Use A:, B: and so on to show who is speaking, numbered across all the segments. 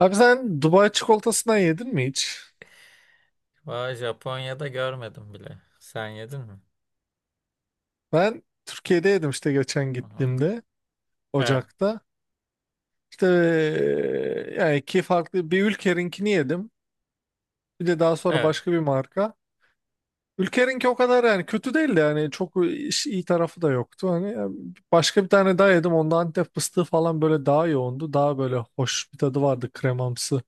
A: Abi sen Dubai çikolatasından yedin mi hiç?
B: Vay Japonya'da görmedim bile. Sen yedin mi?
A: Ben Türkiye'de yedim işte geçen
B: Aha.
A: gittiğimde
B: Evet.
A: Ocak'ta. İşte yani iki farklı bir Ülker'inkini yedim. Bir de daha sonra
B: Evet.
A: başka bir marka. Ülker'inki o kadar yani kötü değildi, yani çok iyi tarafı da yoktu. Hani yani başka bir tane daha yedim. Onda Antep fıstığı falan böyle daha yoğundu. Daha böyle hoş bir tadı vardı, kremamsı.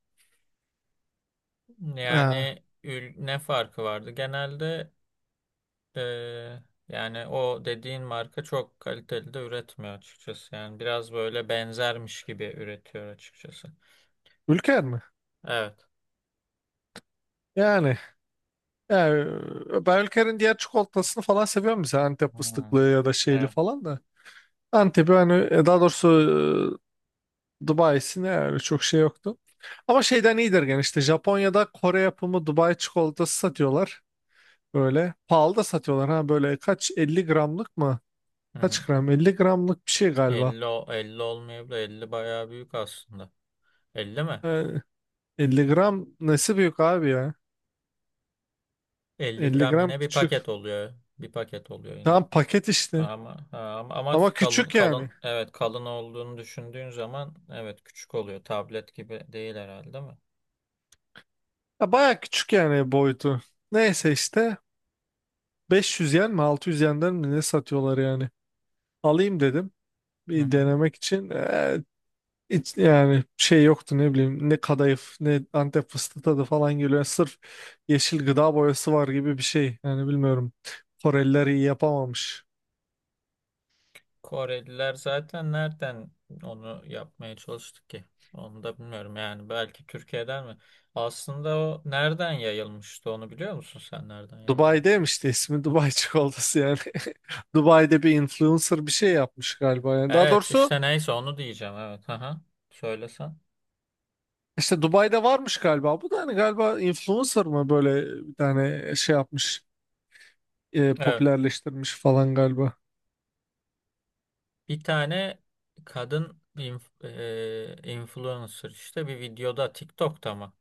A: Ha,
B: Ne farkı vardı? Genelde e, yani o dediğin marka çok kaliteli de üretmiyor açıkçası. Yani biraz böyle benzermiş gibi üretiyor açıkçası.
A: Ülker mi?
B: Evet.
A: Yani, yani ben Ülker'in diğer çikolatasını falan seviyorum, mesela Antep
B: Hmm.
A: fıstıklı ya da şeyli
B: Evet.
A: falan da. Antep'i hani daha doğrusu Dubai'si ne yani, çok şey yoktu. Ama şeyden iyidir gene, işte Japonya'da Kore yapımı Dubai çikolatası satıyorlar. Böyle pahalı da satıyorlar, ha böyle kaç, 50 gramlık mı?
B: Hı hı.
A: Kaç gram? Elli gramlık bir şey galiba.
B: 50, 50 olmayabilir. 50 bayağı büyük aslında. 50 mi?
A: Ee, 50 gram nesi büyük abi ya?
B: Elli
A: Elli
B: gram
A: gram
B: yine bir
A: küçük.
B: paket oluyor. Bir paket oluyor yine.
A: Tamam paket işte.
B: Ama, ha, ama ama
A: Ama
B: kalın
A: küçük
B: kalın,
A: yani.
B: evet, kalın olduğunu düşündüğün zaman evet küçük oluyor. Tablet gibi değil herhalde, değil mi?
A: Ya baya küçük yani boyutu. Neyse işte 500 yen mi 600 yenden mi ne satıyorlar yani. Alayım dedim
B: Hı
A: bir
B: hı.
A: denemek için. Hiç yani şey yoktu, ne bileyim ne kadayıf ne Antep fıstığı tadı falan geliyor. Yani sırf yeşil gıda boyası var gibi bir şey. Yani bilmiyorum. Koreliler iyi yapamamış.
B: Koreliler zaten nereden onu yapmaya çalıştı ki? Onu da bilmiyorum, yani belki Türkiye'den mi? Aslında o nereden yayılmıştı, onu biliyor musun, sen nereden yayılmış?
A: Dubai'deymiş de, ismi Dubai çikolatası yani. Dubai'de bir influencer bir şey yapmış galiba. Yani daha
B: Evet
A: doğrusu
B: işte neyse onu diyeceğim, evet. Aha, söylesen.
A: işte Dubai'de varmış galiba. Bu da hani galiba influencer mı, böyle bir tane şey yapmış,
B: Evet,
A: popülerleştirmiş falan galiba.
B: bir tane kadın influencer işte, bir videoda, TikTok'ta mı?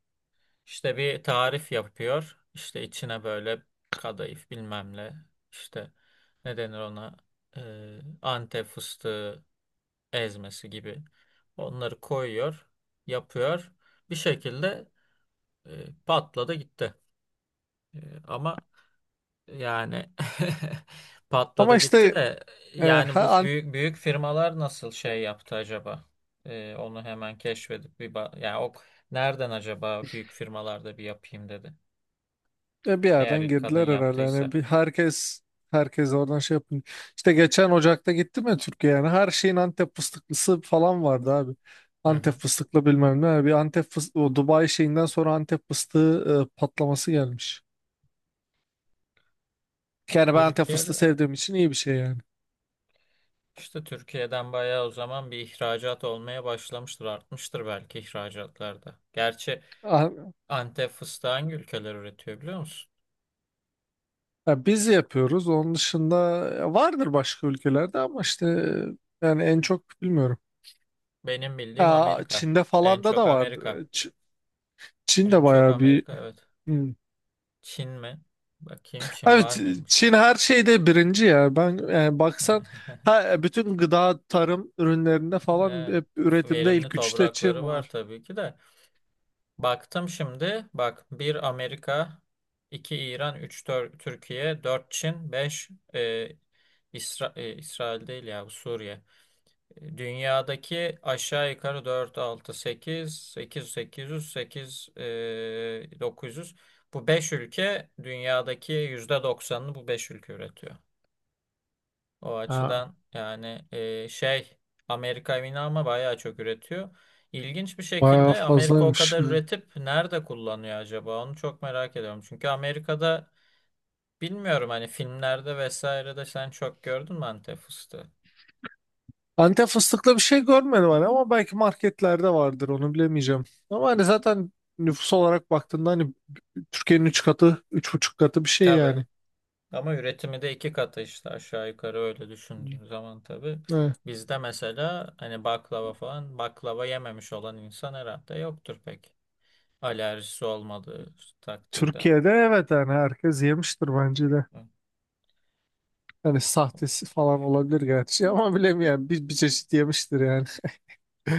B: İşte bir tarif yapıyor. İşte içine böyle kadayıf bilmem ne. İşte ne denir ona, Antep fıstığı ezmesi gibi. Onları koyuyor, yapıyor. Bir şekilde patladı gitti. E, ama yani patladı
A: Ama
B: gitti
A: işte
B: de,
A: e,
B: yani bu
A: ha,
B: büyük büyük firmalar nasıl şey yaptı acaba? Onu hemen keşfedip yani o nereden acaba büyük firmalarda bir yapayım dedi.
A: e bir
B: Eğer
A: yerden
B: ilk kadın
A: girdiler herhalde. Yani
B: yaptıysa.
A: bir herkes herkes oradan şey yapın. İşte geçen Ocak'ta gittim ya Türkiye, yani her şeyin Antep fıstıklısı falan vardı abi.
B: Hı
A: Antep
B: hı.
A: fıstıklı bilmem ne. Yani bir Antep fıstığı, o Dubai şeyinden sonra Antep fıstığı patlaması gelmiş. Yani ben Antep
B: Türkiye'de
A: fıstığı
B: evet.
A: sevdiğim için iyi bir şey yani.
B: işte Türkiye'den bayağı o zaman bir ihracat olmaya başlamıştır, artmıştır belki ihracatlarda. Gerçi
A: A-
B: Antep fıstığı hangi ülkeler üretiyor biliyor musun?
A: Ya biz yapıyoruz. Onun dışında vardır başka ülkelerde, ama işte yani en çok bilmiyorum.
B: Benim bildiğim
A: Ya
B: Amerika.
A: Çin'de
B: En
A: falan da
B: çok
A: da vardır.
B: Amerika.
A: Ç- Çin
B: En çok
A: bayağı bir
B: Amerika, evet.
A: hmm,
B: Çin mi? Bakayım Çin
A: abi,
B: var mıymış?
A: Çin her şeyde birinci ya. Ben yani baksan, ha, bütün gıda tarım ürünlerinde falan
B: Evet.
A: hep üretimde
B: Verimli
A: ilk üçte Çin
B: toprakları var
A: var.
B: tabii ki de. Baktım şimdi. Bak, bir Amerika, 2 İran, üç dört Türkiye, dört Çin, 5 İsrail değil ya, bu Suriye. Dünyadaki aşağı yukarı dört altı sekiz sekiz sekiz yüz sekiz 900. Bu 5 ülke dünyadaki %90'ını, bu 5 ülke üretiyor. O
A: Ha,
B: açıdan yani Amerika yine ama bayağı çok üretiyor. İlginç bir
A: bayağı
B: şekilde Amerika o
A: fazlaymış
B: kadar
A: yani.
B: üretip nerede kullanıyor acaba? Onu çok merak ediyorum. Çünkü Amerika'da bilmiyorum, hani filmlerde vesaire de sen çok gördün mü Antep fıstığı?
A: Antep fıstıklı bir şey görmedim hani, ama belki marketlerde vardır, onu bilemeyeceğim. Ama hani zaten nüfus olarak baktığında hani Türkiye'nin 3 katı, üç buçuk katı bir şey
B: Tabii.
A: yani.
B: Ama üretimi de iki katı işte, aşağı yukarı öyle düşündüğün zaman tabii.
A: Evet.
B: Bizde mesela hani baklava falan, baklava yememiş olan insan herhalde yoktur pek. Alerjisi olmadığı takdirde.
A: Türkiye'de, evet, yani herkes yemiştir bence de. Hani sahtesi falan olabilir gerçi, ama bilemiyorum, bir çeşit yemiştir yani. Ee,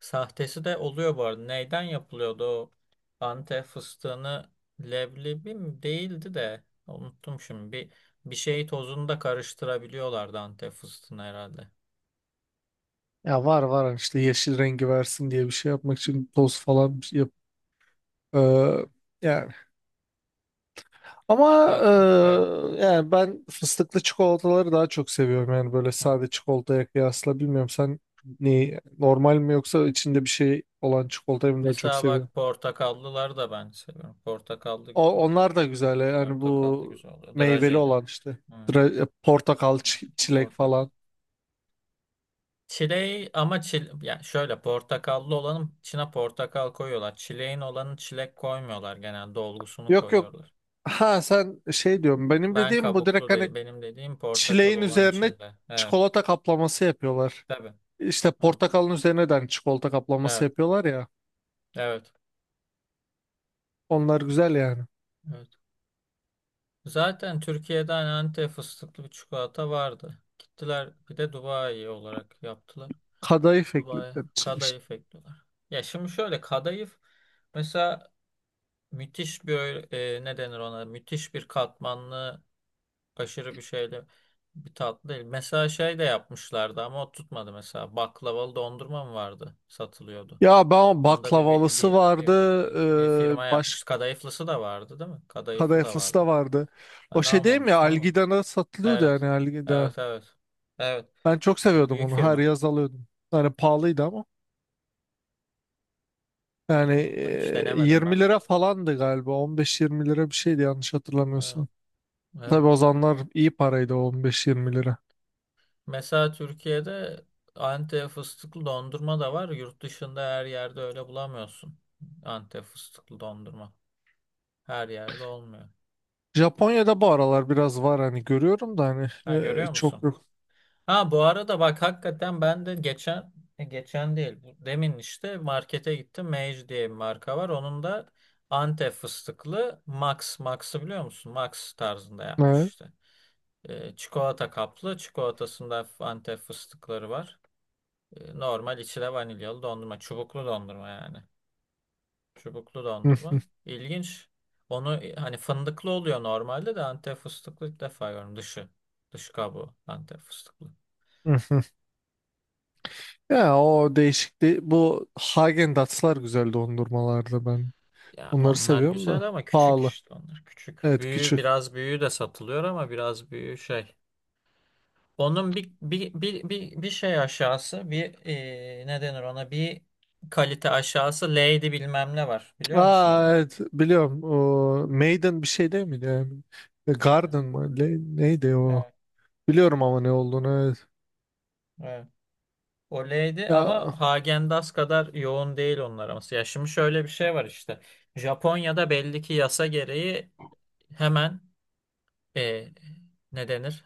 B: Sahtesi de oluyor bu arada. Neyden yapılıyordu o Antep fıstığını, leblebi mi değildi de unuttum şimdi. Bir şey tozunu da karıştırabiliyorlardı Antep fıstığını herhalde.
A: ya var var, hani işte yeşil rengi versin diye bir şey yapmak için toz falan bir şey yap. Ee, yani ama
B: Bak bu. Evet.
A: yani ben fıstıklı çikolataları daha çok seviyorum, yani böyle
B: Hı hı.
A: sade çikolataya kıyasla. Bilmiyorum, sen ne, normal mi yoksa içinde bir şey olan çikolatayı mı daha çok
B: Mesela
A: seviyorsun?
B: bak, portakallıları da ben seviyorum. Portakallı
A: O, onlar da güzel yani,
B: portakallı
A: bu
B: güzel oluyor.
A: meyveli
B: Drajeli.
A: olan işte,
B: Hı,
A: Portakal,
B: drajeli.
A: çilek
B: Portakal.
A: falan.
B: Çileği ama yani şöyle portakallı olanın içine portakal koyuyorlar. Çileğin olanı çilek koymuyorlar, genelde dolgusunu
A: Yok yok.
B: koyuyorlar.
A: Ha sen şey diyorum. Benim
B: Ben
A: dediğim bu, direkt
B: kabuklu
A: hani
B: dedi. Benim dediğim portakal
A: çileğin
B: olan
A: üzerine
B: içinde. Evet.
A: çikolata kaplaması yapıyorlar.
B: Tabii.
A: İşte
B: Hı-hı.
A: portakalın üzerine de hani çikolata kaplaması
B: Evet.
A: yapıyorlar ya.
B: Evet.
A: Onlar güzel yani.
B: Evet. Zaten Türkiye'den Antep fıstıklı bir çikolata vardı. Gittiler bir de Dubai olarak yaptılar.
A: Kadayıf
B: Dubai
A: eklediler içine işte.
B: kadayıf ekliyorlar. Ya şimdi şöyle kadayıf mesela müthiş bir ne denir ona? Müthiş bir katmanlı, aşırı bir şeyle bir tatlı değil. Mesela şey de yapmışlardı ama o tutmadı mesela. Baklavalı dondurma mı vardı? Satılıyordu.
A: Ya ben
B: Onda bir bir,
A: baklavalısı
B: bir, bir,
A: vardı.
B: bir- bir firma
A: E, baş
B: yapmış. Kadayıflısı da vardı değil mi? Kadayıflı da
A: Kadayıflısı da
B: vardı.
A: vardı. O
B: Ben
A: şey değil mi ya,
B: almamıştım ama.
A: Algida'da satılıyordu,
B: Evet.
A: yani Algida.
B: Evet evet. Evet.
A: Ben çok
B: O
A: seviyordum
B: büyük
A: onu. Her
B: firma.
A: yaz alıyordum. Yani pahalıydı ama. Yani
B: Ondan hiç denemedim ben
A: 20
B: bu
A: lira
B: arada.
A: falandı galiba. 15-20 lira bir şeydi yanlış
B: Evet.
A: hatırlamıyorsam.
B: Evet.
A: Tabii o zamanlar iyi paraydı o 15-20 lira.
B: Mesela Türkiye'de Antep fıstıklı dondurma da var. Yurt dışında her yerde öyle bulamıyorsun. Antep fıstıklı dondurma. Her yerde olmuyor.
A: Japonya'da bu aralar biraz var, hani görüyorum da, hani
B: Ha, görüyor
A: çok
B: musun?
A: yok.
B: Ha bu arada bak, hakikaten ben de geçen geçen değil, demin işte markete gittim. Mage diye bir marka var. Onun da Antep fıstıklı Max Max'ı biliyor musun? Max tarzında yapmış
A: Evet.
B: işte. Çikolata kaplı. Çikolatasında hafif Antep fıstıkları var. Normal içi de vanilyalı dondurma. Çubuklu dondurma yani. Çubuklu
A: Hı,
B: dondurma. İlginç. Onu hani fındıklı oluyor normalde de Antep fıstıklı ilk defa görüyorum. Dışı. Dış kabuğu Antep fıstıklı.
A: hı, hı. Ya o değişikti. Bu Hagen Dazs'lar güzeldi dondurmalarda ben.
B: Ya
A: Onları
B: onlar
A: seviyorum
B: güzel
A: da.
B: ama küçük,
A: Pahalı.
B: işte onlar küçük.
A: Evet
B: Büyüğü,
A: küçük.
B: biraz büyüğü de satılıyor ama biraz büyüğü şey. Onun bir şey aşağısı bir ne denir ona, bir kalite aşağısı Lady bilmem ne var. Biliyor musun
A: Aa
B: onu?
A: evet biliyorum. O, Maiden bir şey değil miydi yani?
B: Evet.
A: Garden mı? Neydi o?
B: Evet.
A: Biliyorum ama ne olduğunu. Evet.
B: Evet. O Lady
A: Ya
B: ama Häagen Dazs kadar yoğun değil onlar ama. Ya şimdi şöyle bir şey var işte. Japonya'da belli ki yasa gereği hemen eee ne denir?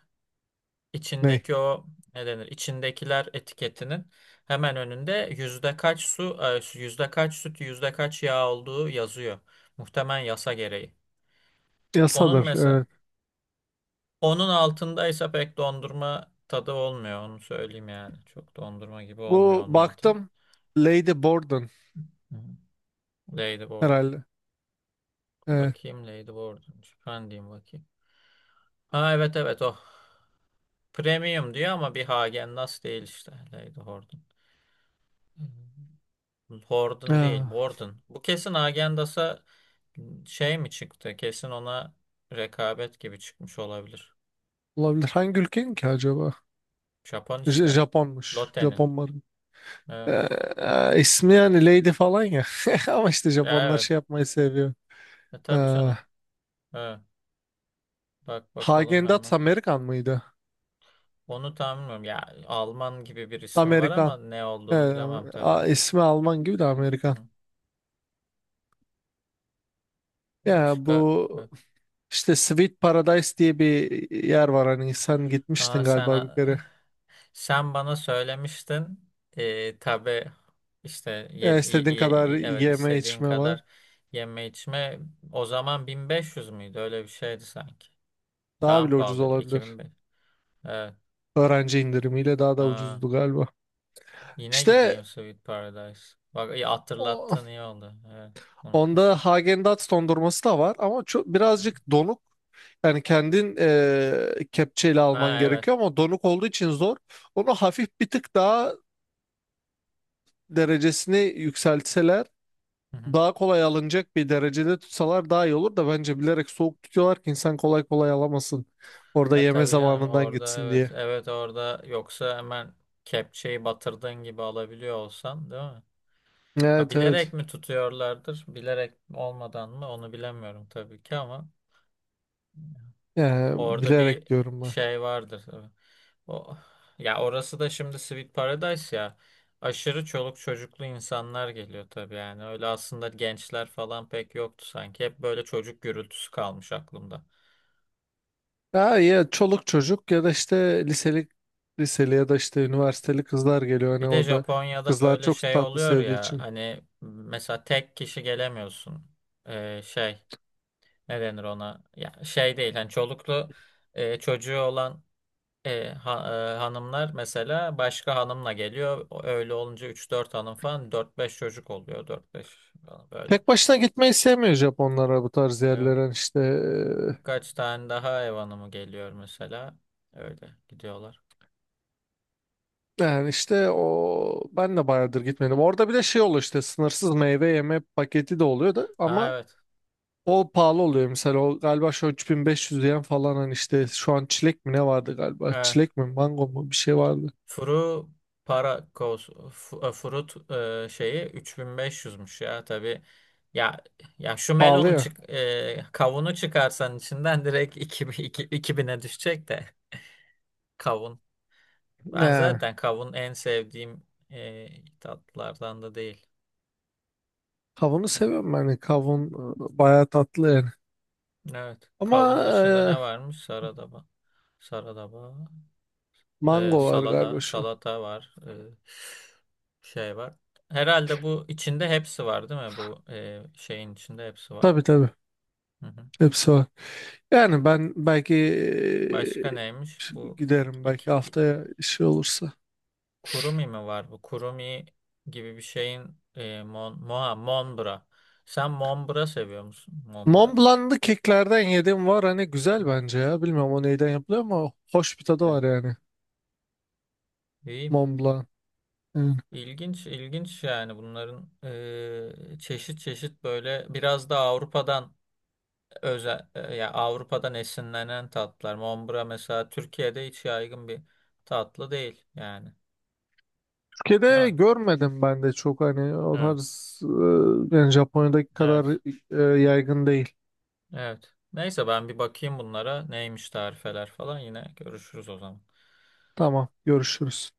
A: ne?
B: İçindeki o ne denir, İçindekiler etiketinin hemen önünde yüzde kaç su, yüzde kaç süt, yüzde kaç yağ olduğu yazıyor. Muhtemelen yasa gereği. Onun
A: Yasadır.
B: mesela,
A: Evet.
B: onun altındaysa pek dondurma tadı olmuyor, onu söyleyeyim yani. Çok dondurma gibi olmuyor
A: Bu
B: onun altında.
A: baktım. Lady Borden
B: Hı hı. Ladyboard.
A: herhalde. Evet.
B: Bakayım Ladyboard. Ben diyeyim bakayım. Ha evet evet, o. Premium diyor ama bir Hagen Dazs değil işte, Lady Horton. Horton değil,
A: Ya,
B: Borden. Bu kesin Agendas'a şey mi çıktı? Kesin ona rekabet gibi çıkmış olabilir.
A: olabilir. Hangi ülkenin ki acaba?
B: Japon işte.
A: Japonmuş.
B: Lotte'nin.
A: Japon marka.
B: Evet.
A: İsmi yani Lady falan ya. Ama işte
B: Ya
A: Japonlar
B: evet.
A: şey yapmayı seviyor.
B: E
A: Ee,
B: tabii canım. Evet. Bak bakalım
A: Hagen Dazs
B: hemen.
A: Amerikan mıydı?
B: Onu tahmin etmiyorum. Ya Alman gibi bir ismi var
A: Amerikan.
B: ama ne
A: Ee,
B: olduğunu bilemem tabii.
A: ismi Alman gibi de
B: Hı
A: Amerikan.
B: hı.
A: Ya
B: Başka. Evet.
A: bu işte Sweet Paradise diye bir yer var, hani sen gitmiştin
B: Aa sen,
A: galiba bir kere.
B: sen bana söylemiştin. Tabii işte
A: Ya istediğin kadar
B: evet
A: yeme
B: istediğin
A: içme var.
B: kadar yeme içme. O zaman 1500 müydü? Öyle bir şeydi sanki.
A: Daha
B: Daha mı
A: bile ucuz
B: pahalıydı?
A: olabilir.
B: 2005. Evet.
A: Öğrenci indirimiyle daha da
B: Aa,
A: ucuzdu galiba.
B: yine gideyim
A: İşte
B: Sweet Paradise. Bak iyi
A: o,
B: hatırlattın, iyi oldu. Evet,
A: onda
B: unutmuşum.
A: Häagen-Dazs dondurması da var ama çok, birazcık donuk. Yani kendin kepçeyle alman
B: Ha evet.
A: gerekiyor ama donuk olduğu için zor. Onu hafif bir tık daha derecesini yükseltseler,
B: Hı-hı.
A: daha kolay alınacak bir derecede tutsalar daha iyi olur, da bence bilerek soğuk tutuyorlar ki insan kolay kolay alamasın. Orada
B: Ya
A: yeme
B: tabii canım
A: zamanından
B: orada,
A: gitsin
B: evet.
A: diye.
B: Evet orada, yoksa hemen kepçeyi batırdığın gibi alabiliyor olsan, değil mi? Ha,
A: Evet
B: bilerek
A: evet.
B: mi tutuyorlardır, bilerek olmadan mı, onu bilemiyorum tabii ki ama
A: Yani
B: orada bir
A: bilerek diyorum ben.
B: şey vardır tabii. O, ya orası da şimdi Sweet Paradise ya, aşırı çoluk çocuklu insanlar geliyor tabii, yani öyle aslında gençler falan pek yoktu sanki, hep böyle çocuk gürültüsü kalmış aklımda.
A: Ha, ya çoluk çocuk, ya da işte liseli, ya da işte üniversiteli kızlar geliyor hani
B: Bir de
A: orada,
B: Japonya'da
A: kızlar
B: böyle
A: çok
B: şey
A: tatlı
B: oluyor
A: sevdiği
B: ya,
A: için.
B: hani mesela tek kişi gelemiyorsun. Ee, şey ne denir ona, ya şey değil, hani çoluklu çocuğu olan hanımlar mesela başka hanımla geliyor. Öyle olunca üç dört hanım falan, dört beş çocuk oluyor. Dört beş falan böyle.
A: Tek başına gitmeyi sevmiyor Japonlara bu tarz
B: Evet.
A: yerlere. Hani işte
B: Birkaç tane daha ev hanımı geliyor mesela. Öyle gidiyorlar.
A: yani işte o, ben de bayağıdır gitmedim. Orada bir de şey oluyor, işte sınırsız meyve yeme paketi de oluyor da,
B: Ha
A: ama
B: evet.
A: o pahalı oluyor mesela, o galiba şu an 3.500 yen falan, hani işte şu an çilek mi ne vardı galiba,
B: Evet.
A: çilek mi mango mu bir şey vardı,
B: Furu para kos fu- e, furut e, Şeyi 3500'müş ya tabii. Ya ya şu
A: pahalı
B: melonu
A: ya.
B: kavunu çıkarsan içinden direkt iki bine düşecek de, kavun. Ben
A: Ne.
B: zaten kavun en sevdiğim e, tatlılardan da değil.
A: Kavunu seviyorum ben. Hani kavun bayağı tatlı yani.
B: Evet.
A: Ama
B: Kavun dışında ne varmış? Saradaba. Saradaba.
A: mango var
B: Salada.
A: galiba şu an.
B: Salata var. Şey var. Herhalde bu içinde hepsi var değil mi? Bu şeyin içinde hepsi var.
A: Tabii tabii.
B: Hı hı.
A: Hepsi var. Yani ben belki
B: Başka neymiş? Bu iki,
A: giderim.
B: iki,
A: Belki
B: iki-
A: haftaya işi olursa.
B: kurumi mi var bu? Kurumi gibi bir şeyin monbra. Sen monbra seviyor musun? Monbra.
A: Mont Blanc'lı keklerden yediğim var. Hani güzel
B: Evet.
A: bence ya. Bilmiyorum o neyden yapılıyor, ama hoş bir tadı
B: Evet.
A: var yani.
B: İyi.
A: Mont Blanc. Yani
B: İlginç, ilginç yani bunların çeşit çeşit böyle, biraz da Avrupa'dan özel ya Avrupa'dan esinlenen tatlar. Mombra mesela Türkiye'de hiç yaygın bir tatlı değil yani. Değil
A: Türkiye'de
B: mi?
A: görmedim ben de çok, hani o
B: Evet.
A: tarz yani Japonya'daki kadar
B: Evet.
A: yaygın değil.
B: Evet. Neyse ben bir bakayım bunlara neymiş tarifeler falan, yine görüşürüz o zaman.
A: Tamam görüşürüz.